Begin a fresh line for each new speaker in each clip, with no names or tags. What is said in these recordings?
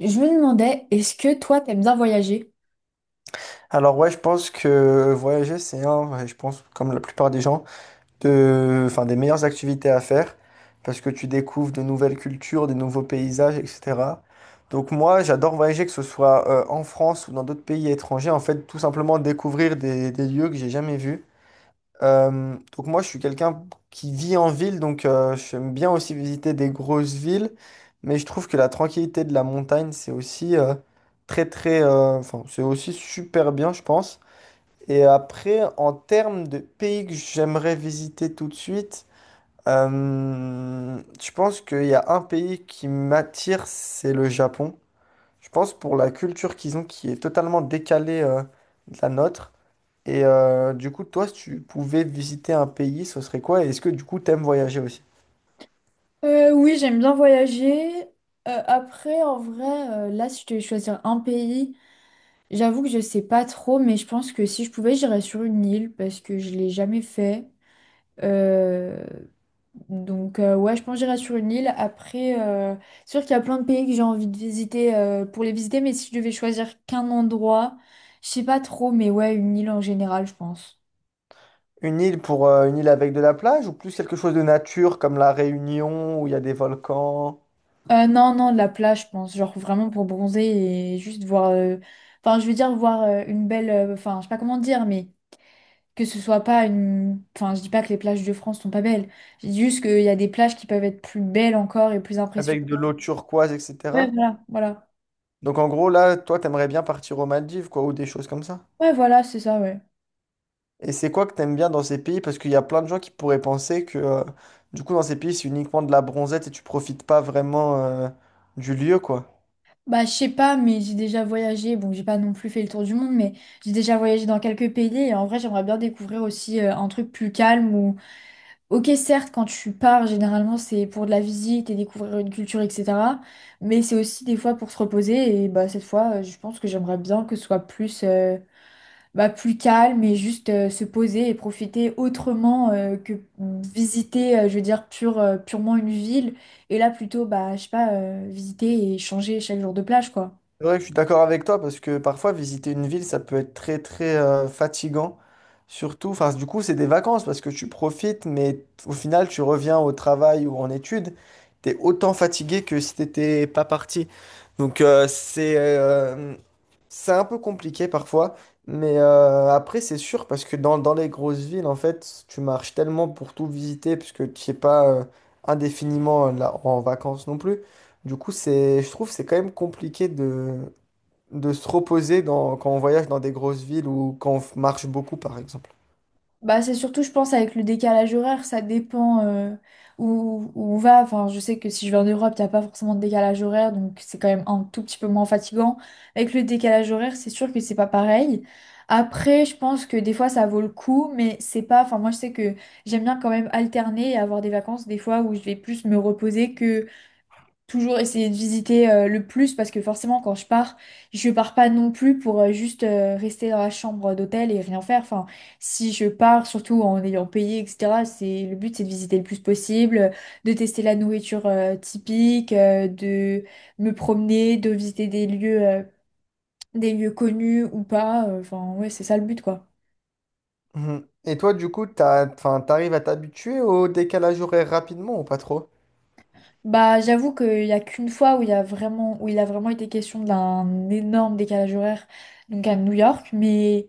Je me demandais, est-ce que toi, t'aimes bien voyager?
Alors ouais, je pense que voyager, c'est un, je pense, comme la plupart des gens, enfin, des meilleures activités à faire, parce que tu découvres de nouvelles cultures, des nouveaux paysages, etc. Donc moi, j'adore voyager, que ce soit en France ou dans d'autres pays étrangers, en fait, tout simplement découvrir des lieux que j'ai jamais vus. Donc moi, je suis quelqu'un qui vit en ville, donc j'aime bien aussi visiter des grosses villes, mais je trouve que la tranquillité de la montagne, c'est aussi très, très, enfin, c'est aussi super bien, je pense. Et après, en termes de pays que j'aimerais visiter tout de suite, je pense qu'il y a un pays qui m'attire, c'est le Japon. Je pense pour la culture qu'ils ont qui est totalement décalée de la nôtre. Et du coup, toi, si tu pouvais visiter un pays, ce serait quoi? Et est-ce que du coup, t'aimes voyager aussi?
Oui, j'aime bien voyager. Après, en vrai, là, si je devais choisir un pays, j'avoue que je sais pas trop, mais je pense que si je pouvais, j'irais sur une île parce que je l'ai jamais fait. Euh, Donc, ouais, je pense que j'irais sur une île. Après, c'est sûr qu'il y a plein de pays que j'ai envie de visiter pour les visiter, mais si je devais choisir qu'un endroit, je sais pas trop, mais ouais, une île en général, je pense.
Une île pour une île avec de la plage ou plus quelque chose de nature comme la Réunion où il y a des volcans,
Non, non, de la plage, je pense. Genre vraiment pour bronzer et juste voir. Enfin, je veux dire, voir une belle. Enfin, je sais pas comment dire, mais que ce soit pas une. Enfin, je dis pas que les plages de France sont pas belles. Je dis juste qu'il y a des plages qui peuvent être plus belles encore et plus impressionnantes.
avec de l'eau turquoise,
Ouais,
etc.
voilà, voilà.
Donc en gros, là, toi, t'aimerais bien partir aux Maldives, quoi, ou des choses comme ça.
Ouais, voilà, c'est ça, ouais.
Et c'est quoi que t'aimes bien dans ces pays? Parce qu'il y a plein de gens qui pourraient penser que, du coup, dans ces pays, c'est uniquement de la bronzette et tu profites pas vraiment, du lieu, quoi.
Bah, je sais pas, mais j'ai déjà voyagé. Bon, j'ai pas non plus fait le tour du monde, mais j'ai déjà voyagé dans quelques pays et en vrai, j'aimerais bien découvrir aussi un truc plus calme. Ok, certes, quand tu pars, généralement, c'est pour de la visite et découvrir une culture, etc. Mais c'est aussi des fois pour se reposer. Et bah, cette fois, je pense que j'aimerais bien que ce soit plus, bah, plus calme et juste se poser et profiter autrement que visiter, je veux dire, purement une ville. Et là, plutôt, bah, je sais pas, visiter et changer chaque jour de plage, quoi.
C'est vrai que je suis d'accord avec toi parce que parfois visiter une ville ça peut être très très fatigant, surtout enfin du coup c'est des vacances parce que tu profites mais au final tu reviens au travail ou en études. T'es autant fatigué que si t'étais pas parti, donc c'est un peu compliqué parfois. Mais après c'est sûr parce que dans les grosses villes en fait tu marches tellement pour tout visiter puisque tu n'es pas indéfiniment là en vacances non plus. Du coup, je trouve c'est quand même compliqué de se reposer quand on voyage dans des grosses villes ou quand on marche beaucoup, par exemple.
Bah, c'est surtout, je pense, avec le décalage horaire, ça dépend où on va. Enfin, je sais que si je vais en Europe, t'as pas forcément de décalage horaire, donc c'est quand même un tout petit peu moins fatigant. Avec le décalage horaire, c'est sûr que c'est pas pareil. Après, je pense que des fois, ça vaut le coup, mais c'est pas. Enfin, moi, je sais que j'aime bien quand même alterner et avoir des vacances, des fois, où je vais plus me reposer, toujours essayer de visiter le plus parce que forcément quand je pars pas non plus pour juste rester dans la chambre d'hôtel et rien faire. Enfin, si je pars, surtout en ayant payé, etc., c'est le but, c'est de visiter le plus possible, de tester la nourriture typique, de me promener, de visiter des lieux connus ou pas. Enfin, ouais, c'est ça le but quoi.
Mhm. Et toi, du coup, enfin, t'arrives à t'habituer au décalage horaire rapidement ou pas trop?
Bah, j'avoue qu'il y a qu'une fois où il y a vraiment, où il a vraiment été question d'un énorme décalage horaire, donc à New York, mais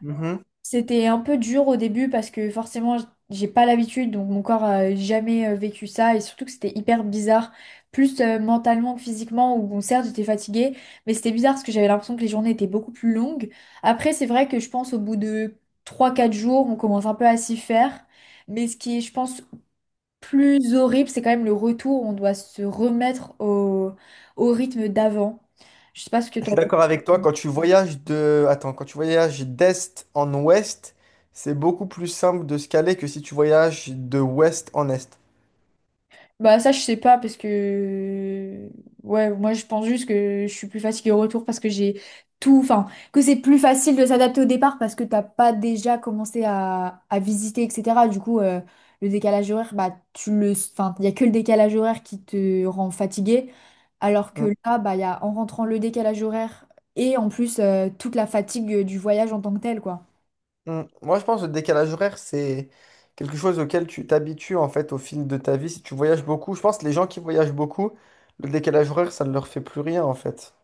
Mhm.
c'était un peu dur au début parce que forcément j'ai pas l'habitude, donc mon corps a jamais vécu ça, et surtout que c'était hyper bizarre plus mentalement que physiquement, où bon certes j'étais fatiguée, mais c'était bizarre parce que j'avais l'impression que les journées étaient beaucoup plus longues. Après c'est vrai que je pense au bout de trois quatre jours on commence un peu à s'y faire, mais ce qui est je pense plus horrible c'est quand même le retour, on doit se remettre au, au rythme d'avant. Je sais pas ce que
Je suis
toi...
d'accord avec toi, quand tu voyages Attends, quand tu voyages d'est en ouest, c'est beaucoup plus simple de se caler que si tu voyages de ouest en est.
Bah ça je sais pas parce que ouais moi je pense juste que je suis plus fatiguée au retour parce que j'ai tout, enfin, que c'est plus facile de s'adapter au départ parce que t'as pas déjà commencé à visiter etc. Du coup le décalage horaire bah tu le, enfin il y a que le décalage horaire qui te rend fatigué, alors que là bah il y a en rentrant le décalage horaire et en plus toute la fatigue du voyage en tant que tel quoi.
Mm. Moi, je pense que le décalage horaire, c'est quelque chose auquel tu t'habitues en fait au fil de ta vie. Si tu voyages beaucoup, je pense que les gens qui voyagent beaucoup, le décalage horaire, ça ne leur fait plus rien en fait.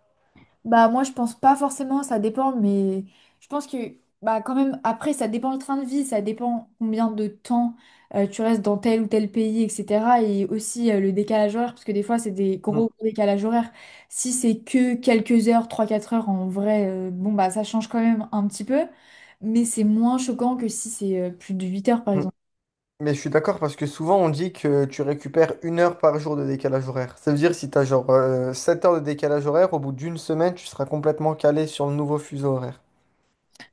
Bah moi je pense pas forcément, ça dépend, mais je pense que bah quand même après ça dépend le train de vie, ça dépend combien de temps tu restes dans tel ou tel pays, etc. Et aussi le décalage horaire, parce que des fois c'est des
Mm,
gros décalages horaires. Si c'est que quelques heures, trois quatre heures en vrai, bon bah ça change quand même un petit peu, mais c'est moins choquant que si c'est plus de 8 heures par
mm.
exemple.
Mais je suis d'accord parce que souvent on dit que tu récupères une heure par jour de décalage horaire. Ça veut dire si tu as genre 7 heures de décalage horaire, au bout d'une semaine, tu seras complètement calé sur le nouveau fuseau horaire.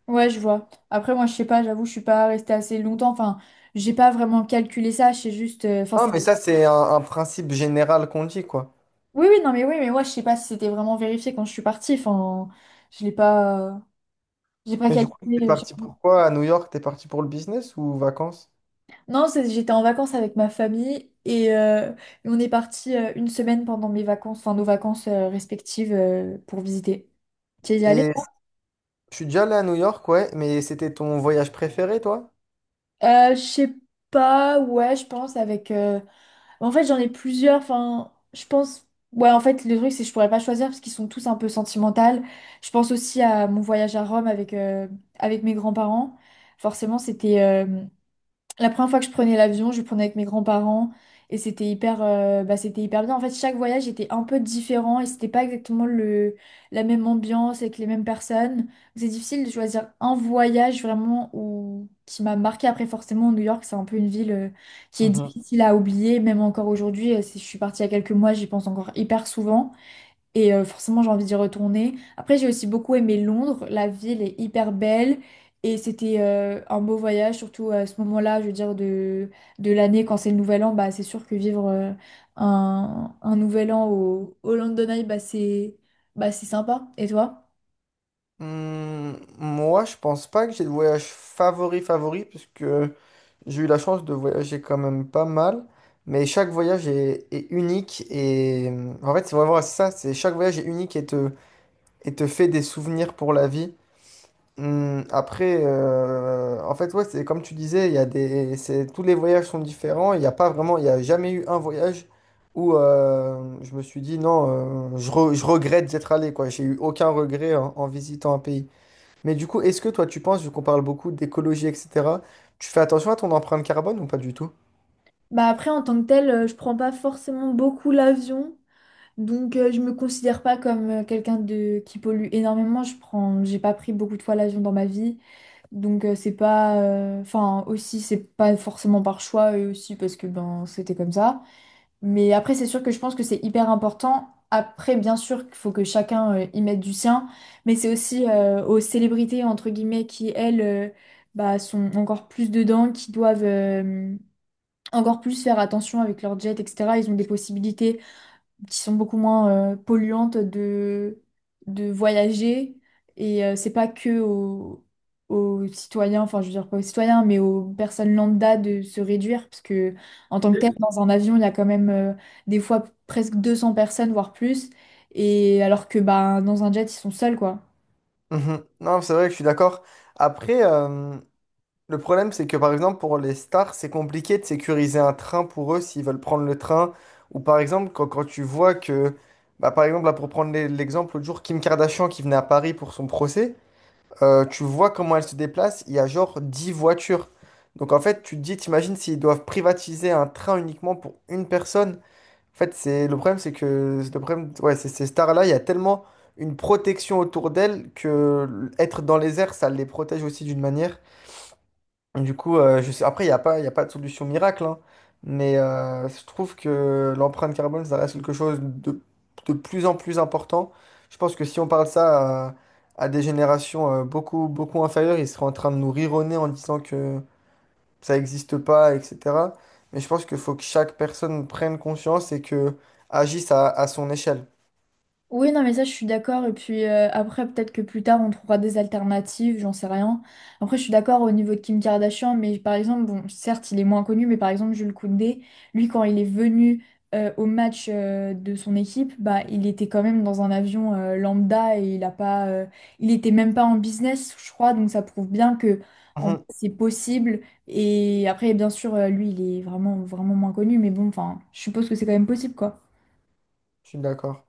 Ouais je vois. Après moi je sais pas, j'avoue je suis pas restée assez longtemps, enfin j'ai pas vraiment calculé ça, je sais juste, enfin
Non,
c'est...
mais ça, c'est un principe général qu'on dit quoi.
Oui, oui, non, mais oui, mais moi, je sais pas si c'était vraiment vérifié quand je suis partie. Enfin, je l'ai pas, j'ai pas
Mais du coup, t'es
calculé.
parti pour quoi à New York? T'es parti pour le business ou vacances?
Non, j'étais en vacances avec ma famille et on est parti une semaine pendant mes vacances, enfin nos vacances respectives pour visiter. Tu es y allée?
Et je suis déjà allé à New York, ouais, mais c'était ton voyage préféré, toi?
Je sais pas, ouais, je pense avec. En fait, j'en ai plusieurs. Enfin, je pense. Ouais, en fait, le truc, c'est que je pourrais pas choisir parce qu'ils sont tous un peu sentimentaux. Je pense aussi à mon voyage à Rome avec, avec mes grands-parents. Forcément, c'était la première fois que je prenais l'avion, je le prenais avec mes grands-parents et c'était hyper, c'était hyper bien. En fait, chaque voyage était un peu différent et c'était pas exactement le, la même ambiance avec les mêmes personnes. C'est difficile de choisir un voyage vraiment où, qui m'a marqué. Après, forcément, New York, c'est un peu une ville, qui est
Mhm.
difficile à oublier, même encore aujourd'hui. Si je suis partie il y a quelques mois, j'y pense encore hyper souvent. Et forcément, j'ai envie d'y retourner. Après, j'ai aussi beaucoup aimé Londres. La ville est hyper belle. Et c'était un beau voyage, surtout à ce moment-là, je veux dire, de l'année, quand c'est le nouvel an. Bah, c'est sûr que vivre un nouvel an au London Eye, bah, c'est sympa. Et toi?
Hmm, moi, je pense pas que j'ai le voyage favori favori, puisque j'ai eu la chance de voyager quand même pas mal. Mais chaque voyage est unique et en fait, c'est vraiment ça, c'est chaque voyage est unique et te fait des souvenirs pour la vie. Hmm, après, en fait, ouais, c'est comme tu disais, il y a des, c'est, tous les voyages sont différents. Il n'y a pas vraiment, il y a jamais eu un voyage où je me suis dit non, je regrette d'être allé, quoi. J'ai eu aucun regret en visitant un pays. Mais du coup, est-ce que toi, tu penses, vu qu'on parle beaucoup d'écologie, etc., tu fais attention à ton empreinte carbone ou pas du tout?
Bah, après, en tant que tel, je prends pas forcément beaucoup l'avion. Donc, je me considère pas comme quelqu'un de qui pollue énormément. Je prends, j'ai pas pris beaucoup de fois l'avion dans ma vie. Donc c'est pas, enfin aussi c'est pas forcément par choix et aussi parce que ben c'était comme ça. Mais après c'est sûr que je pense que c'est hyper important. Après bien sûr qu'il faut que chacun y mette du sien, mais c'est aussi aux célébrités entre guillemets qui elles sont encore plus dedans, qui doivent encore plus faire attention avec leur jet etc. Ils ont des possibilités qui sont beaucoup moins polluantes de voyager. Et c'est pas que aux, aux citoyens, enfin je veux dire pas aux citoyens, mais aux personnes lambda de se réduire, parce que en tant que tel, dans un avion, il y a quand même des fois presque 200 personnes, voire plus. Et alors que bah, dans un jet, ils sont seuls, quoi.
Mhm. Non, c'est vrai que je suis d'accord. Après, le problème, c'est que par exemple, pour les stars, c'est compliqué de sécuriser un train pour eux s'ils veulent prendre le train. Ou par exemple, quand tu vois que, bah, par exemple, là, pour prendre l'exemple, l'autre jour, Kim Kardashian qui venait à Paris pour son procès, tu vois comment elle se déplace, il y a genre 10 voitures. Donc en fait, tu te dis, t'imagines s'ils doivent privatiser un train uniquement pour une personne. En fait, c'est le problème, c'est que le problème, ouais, c'est ces stars-là, il y a tellement une protection autour d'elles que être dans les airs, ça les protège aussi d'une manière. Du coup, après, il n'y a pas, il a pas de solution miracle, hein. Mais je trouve que l'empreinte carbone, ça reste quelque chose de plus en plus important. Je pense que si on parle ça à des générations beaucoup, beaucoup inférieures, ils seraient en train de nous rironner en disant que ça n'existe pas, etc. Mais je pense qu'il faut que chaque personne prenne conscience et que agisse à son échelle.
Oui, non, mais ça, je suis d'accord. Et puis après, peut-être que plus tard, on trouvera des alternatives, j'en sais rien. Après, je suis d'accord au niveau de Kim Kardashian, mais par exemple, bon, certes, il est moins connu, mais par exemple, Jules Koundé, lui, quand il est venu au match de son équipe, bah, il était quand même dans un avion lambda et il a pas, il était même pas en business, je crois. Donc, ça prouve bien que en fait,
Mhm.
c'est possible. Et après, bien sûr, lui, il est vraiment, vraiment moins connu, mais bon, enfin, je suppose que c'est quand même possible, quoi.
Je suis d'accord.